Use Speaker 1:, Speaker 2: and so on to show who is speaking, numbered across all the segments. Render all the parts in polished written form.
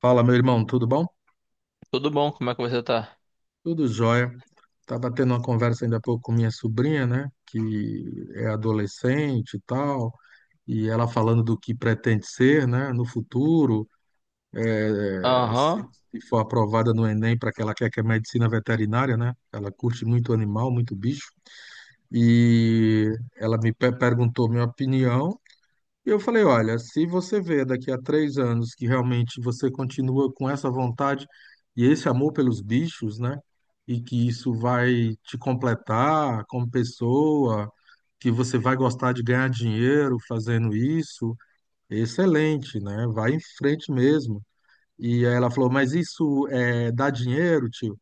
Speaker 1: Fala, meu irmão, tudo bom?
Speaker 2: Tudo bom? Como é que você tá?
Speaker 1: Tudo jóia. Tava tendo uma conversa ainda há pouco com minha sobrinha, né, que é adolescente e tal, e ela falando do que pretende ser, né, no futuro, eh, se
Speaker 2: Aham,
Speaker 1: se for aprovada no Enem para que ela quer que é medicina veterinária, né? Ela curte muito animal, muito bicho. E ela me perguntou minha opinião. E eu falei, olha, se você vê daqui a 3 anos que realmente você continua com essa vontade e esse amor pelos bichos, né? E que isso vai te completar como pessoa, que você vai gostar de ganhar dinheiro fazendo isso, excelente, né? Vai em frente mesmo. E aí ela falou, mas isso dá dinheiro, tio?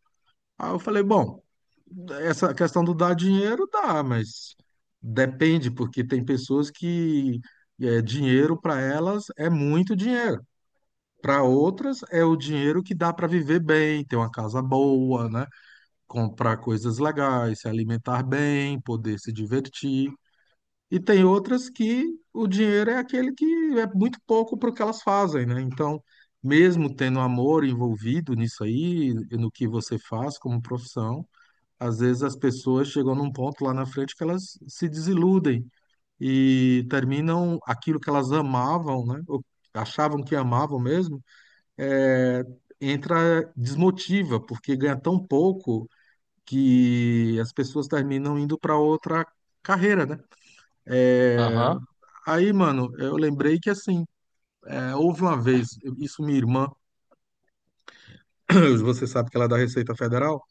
Speaker 1: Aí eu falei, bom. Essa questão do dar dinheiro dá, mas depende, porque tem pessoas que dinheiro para elas é muito dinheiro. Para outras é o dinheiro que dá para viver bem, ter uma casa boa, né? Comprar coisas legais, se alimentar bem, poder se divertir. E tem outras que o dinheiro é aquele que é muito pouco para o que elas fazem, né? Então, mesmo tendo amor envolvido nisso aí, no que você faz como profissão, às vezes as pessoas chegam num ponto lá na frente que elas se desiludem e terminam aquilo que elas amavam, né? Ou achavam que amavam mesmo, é, entra desmotiva, porque ganha tão pouco que as pessoas terminam indo para outra carreira, né? É,
Speaker 2: aham,
Speaker 1: Aí, mano, eu lembrei que assim, houve uma vez, isso minha irmã, você sabe que ela é da Receita Federal.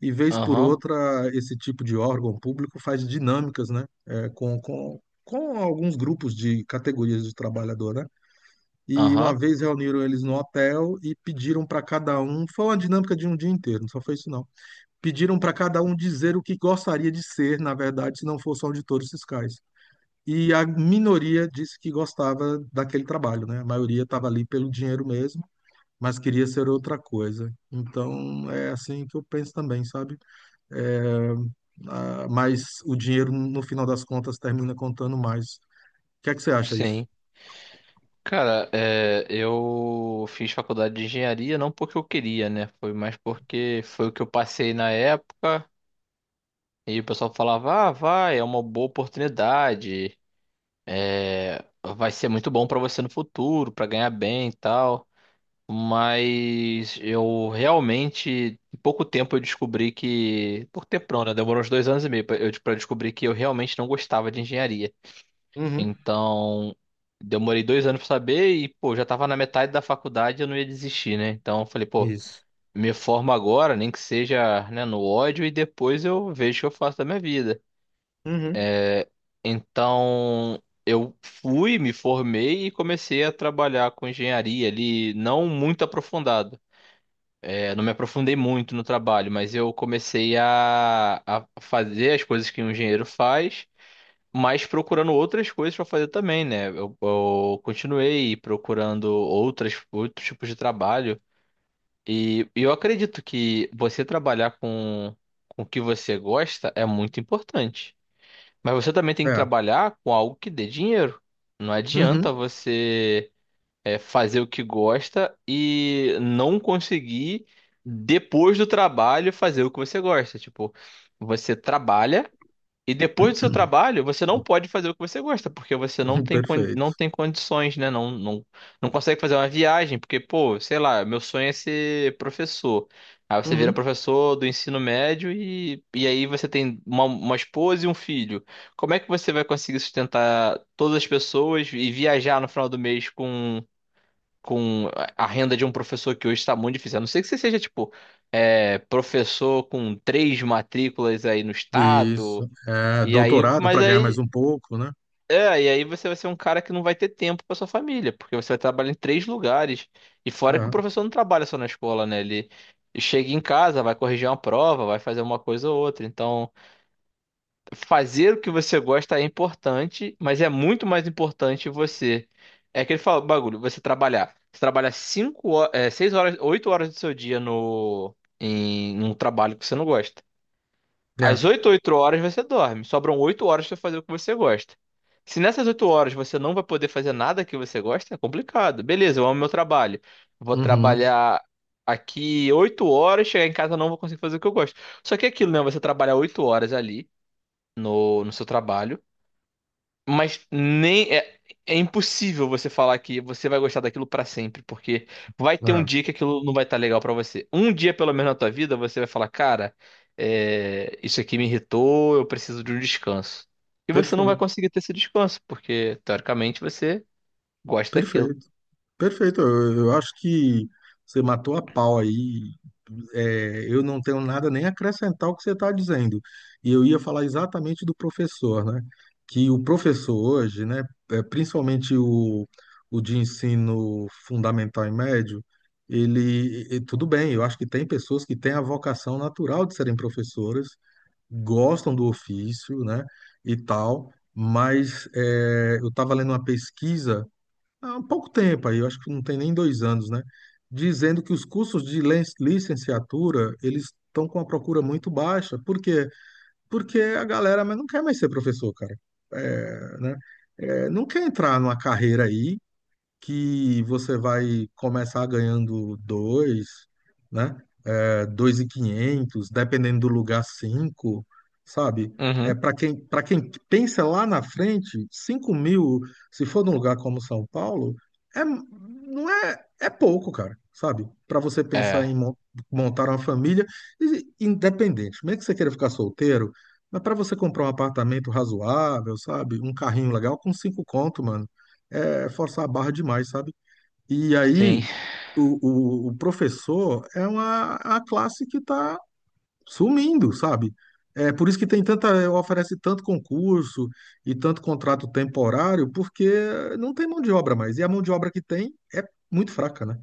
Speaker 1: E vez por
Speaker 2: aham,
Speaker 1: outra, esse tipo de órgão público faz dinâmicas, né? Com alguns grupos de categorias de trabalhador, né? E
Speaker 2: aham.
Speaker 1: uma vez reuniram eles no hotel e pediram para cada um, foi uma dinâmica de um dia inteiro, não só foi isso não. Pediram para cada um dizer o que gostaria de ser, na verdade, se não fosse auditores fiscais. E a minoria disse que gostava daquele trabalho, né? A maioria estava ali pelo dinheiro mesmo, mas queria ser outra coisa. Então, é assim que eu penso também, sabe? É, ah, mas o dinheiro, no final das contas, termina contando mais. O que é que você acha disso?
Speaker 2: Sim. Cara, eu fiz faculdade de engenharia não porque eu queria, né? Foi mais porque foi o que eu passei na época e o pessoal falava: ah, vai, é uma boa oportunidade, é, vai ser muito bom pra você no futuro, pra ganhar bem e tal. Mas eu realmente, em pouco tempo eu descobri que. Pouco tempo não, né? Demorou uns dois anos e meio pra eu descobrir que eu realmente não gostava de engenharia.
Speaker 1: Uhum.
Speaker 2: Então, demorei dois anos pra saber e, pô, já tava na metade da faculdade, eu não ia desistir, né? Então, eu falei, pô,
Speaker 1: Isso.
Speaker 2: me formo agora, nem que seja, né, no ódio e depois eu vejo o que eu faço da minha vida.
Speaker 1: Uhum.
Speaker 2: Então, eu fui, me formei e comecei a trabalhar com engenharia ali, não muito aprofundado. Não me aprofundei muito no trabalho, mas eu comecei a fazer as coisas que um engenheiro faz, mas procurando outras coisas para fazer também, né? Eu continuei procurando outros tipos de trabalho. E eu acredito que você trabalhar com o que você gosta é muito importante. Mas você também tem que
Speaker 1: É.
Speaker 2: trabalhar com algo que dê dinheiro. Não adianta
Speaker 1: Uhum.
Speaker 2: você fazer o que gosta e não conseguir, depois do trabalho, fazer o que você gosta. Tipo, você trabalha. E depois do seu trabalho, você não pode fazer o que você gosta, porque você não tem,
Speaker 1: Perfeito.
Speaker 2: não tem condições, né? Não, não, não consegue fazer uma viagem, porque, pô, sei lá, meu sonho é ser professor. Aí você vira
Speaker 1: Uhum.
Speaker 2: professor do ensino médio e aí você tem uma esposa e um filho. Como é que você vai conseguir sustentar todas as pessoas e viajar no final do mês com a renda de um professor que hoje está muito difícil? A não ser que você seja, tipo, professor com três matrículas aí no estado.
Speaker 1: Isso. É,
Speaker 2: E aí,
Speaker 1: doutorado para ganhar mais um pouco, né?
Speaker 2: você vai ser um cara que não vai ter tempo para sua família, porque você vai trabalhar em três lugares. E fora que o
Speaker 1: Tá.
Speaker 2: professor não trabalha só na escola, né? Ele chega em casa, vai corrigir uma prova, vai fazer uma coisa ou outra. Então, fazer o que você gosta é importante, mas é muito mais importante você. É aquele bagulho, você trabalhar. Você trabalha seis horas, oito horas do seu dia no, em um trabalho que você não gosta. Às
Speaker 1: É.
Speaker 2: oito horas você dorme. Sobram 8 horas pra fazer o que você gosta. Se nessas 8 horas você não vai poder fazer nada que você gosta, é complicado. Beleza, eu amo meu trabalho. Vou
Speaker 1: Uhum.
Speaker 2: trabalhar aqui 8 horas, chegar em casa eu não vou conseguir fazer o que eu gosto. Só que é aquilo, né? Você trabalha 8 horas ali no seu trabalho. Mas nem é, É impossível você falar que você vai gostar daquilo pra sempre, porque vai ter um
Speaker 1: É.
Speaker 2: dia que aquilo não vai estar legal pra você. Um dia, pelo menos na tua vida, você vai falar, cara, isso aqui me irritou, eu preciso de um descanso. E você não vai
Speaker 1: Perfeito.
Speaker 2: conseguir ter esse descanso, porque teoricamente você gosta daquilo.
Speaker 1: Perfeito. Perfeito. Eu acho que você matou a pau aí, eu não tenho nada nem a acrescentar ao que você está dizendo. E eu ia falar exatamente do professor, né? Que o professor hoje, né, principalmente o, de ensino fundamental e médio, tudo bem, eu acho que tem pessoas que têm a vocação natural de serem professoras, gostam do ofício, né, e tal, mas eu estava lendo uma pesquisa há um pouco tempo aí, eu acho que não tem nem 2 anos, né? Dizendo que os cursos de licenciatura, eles estão com a procura muito baixa. Por quê? Porque a galera mas não quer mais ser professor, cara. É, né? Não quer entrar numa carreira aí que você vai começar ganhando dois, né? 2.500, dependendo do lugar, 5, sabe?
Speaker 2: Uhum.
Speaker 1: Para quem, para quem pensa lá na frente, 5.000, se for num lugar como São Paulo, não é, é pouco, cara, sabe? Para você pensar em
Speaker 2: É,
Speaker 1: montar uma família, independente, mesmo que você queira ficar solteiro, mas para você comprar um apartamento razoável, sabe? Um carrinho legal com 5 conto, mano, é forçar a barra demais, sabe? E
Speaker 2: sim.
Speaker 1: aí, o professor é uma a classe que está sumindo, sabe? É por isso que tem tanta, oferece tanto concurso e tanto contrato temporário, porque não tem mão de obra mais. E a mão de obra que tem é muito fraca, né?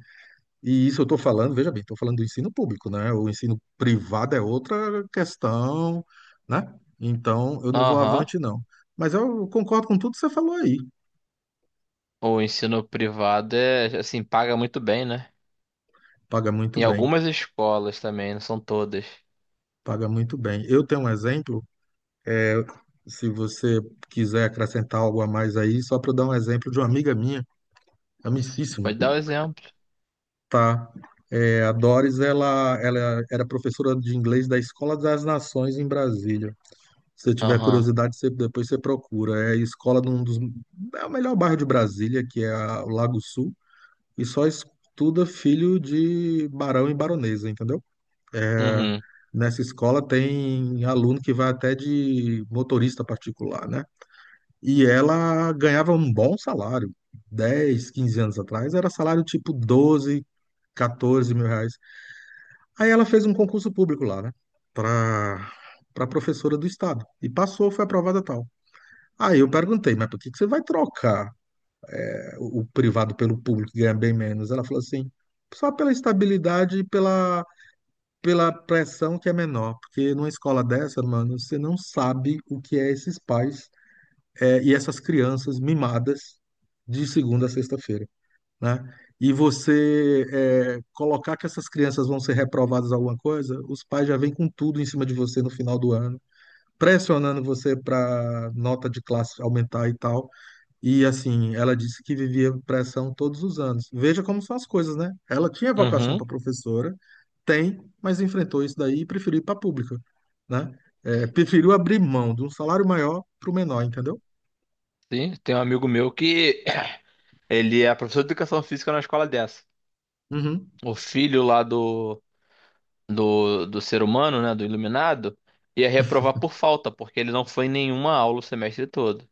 Speaker 1: E isso eu estou falando, veja bem, estou falando do ensino público, né? O ensino privado é outra questão, né? Então, eu não vou
Speaker 2: Aham.
Speaker 1: avante, não. Mas eu concordo com tudo que você falou aí.
Speaker 2: O ensino privado é assim, paga muito bem, né?
Speaker 1: Paga muito
Speaker 2: Em
Speaker 1: bem,
Speaker 2: algumas escolas também, não são todas.
Speaker 1: paga muito bem. Eu tenho um exemplo. Se você quiser acrescentar algo a mais aí, só para dar um exemplo de uma amiga minha, amicíssima,
Speaker 2: Pode dar o exemplo.
Speaker 1: tá? A Doris, ela era professora de inglês da Escola das Nações em Brasília. Se você tiver
Speaker 2: Aham.
Speaker 1: curiosidade, depois você procura. É a escola de um dos, é o melhor bairro de Brasília, que é o Lago Sul, e só estuda filho de barão e baronesa, entendeu?
Speaker 2: Uhum.
Speaker 1: Nessa escola tem aluno que vai até de motorista particular, né? E ela ganhava um bom salário. 10, 15 anos atrás, era salário tipo 12, 14 mil reais. Aí ela fez um concurso público lá, né? Pra, pra professora do estado. E passou, foi aprovada tal. Aí eu perguntei, mas por que que você vai trocar o privado pelo público que ganha bem menos? Ela falou assim, só pela estabilidade e pela, pressão que é menor. Porque numa escola dessa, mano, você não sabe o que é esses pais e essas crianças mimadas de segunda a sexta-feira, né? E você colocar que essas crianças vão ser reprovadas em alguma coisa, os pais já vêm com tudo em cima de você no final do ano, pressionando você para nota de classe aumentar e tal. E assim, ela disse que vivia pressão todos os anos. Veja como são as coisas, né? Ela tinha vocação
Speaker 2: Uhum.
Speaker 1: para professora, tem, mas enfrentou isso daí e preferiu ir para a pública, né? Preferiu abrir mão de um salário maior para o menor, entendeu?
Speaker 2: Sim, tem um amigo meu que ele é professor de educação física na escola dessa.
Speaker 1: Uhum.
Speaker 2: O filho lá do ser humano, né, do iluminado, ia reprovar por falta, porque ele não foi em nenhuma aula o semestre todo.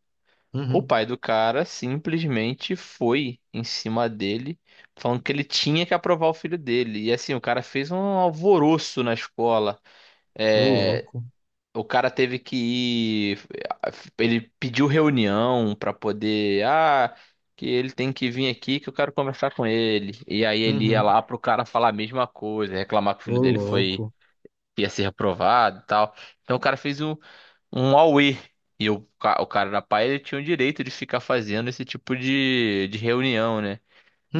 Speaker 2: O
Speaker 1: Uhum.
Speaker 2: pai do cara simplesmente foi em cima dele, falando que ele tinha que aprovar o filho dele. E assim, o cara fez um alvoroço na escola.
Speaker 1: Ô
Speaker 2: É,
Speaker 1: louco.
Speaker 2: O cara teve que ir. Ele pediu reunião pra poder. Ah, que ele tem que vir aqui que eu quero conversar com ele. E aí ele ia
Speaker 1: Uhum.
Speaker 2: lá pro cara falar a mesma coisa, reclamar que o filho
Speaker 1: Ô
Speaker 2: dele foi.
Speaker 1: louco.
Speaker 2: Ia ser reprovado e tal. Então o cara fez um auê. E o cara da pai, ele tinha o direito de ficar fazendo esse tipo de reunião, né?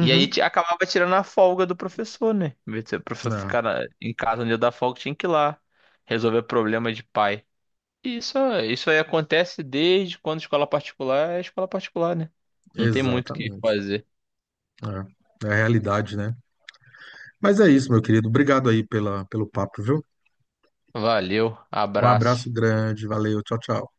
Speaker 2: E aí acabava tirando a folga do professor, né? Em vez de o professor
Speaker 1: É,
Speaker 2: ficar em casa no dia da folga, tinha que ir lá resolver problema de pai. Isso aí acontece desde quando escola particular é escola particular, né? Não tem muito o que
Speaker 1: exatamente.
Speaker 2: fazer.
Speaker 1: É. É a realidade, né? Mas é isso, meu querido. Obrigado aí pela, pelo papo, viu?
Speaker 2: Valeu,
Speaker 1: Um
Speaker 2: abraço.
Speaker 1: abraço grande. Valeu. Tchau, tchau.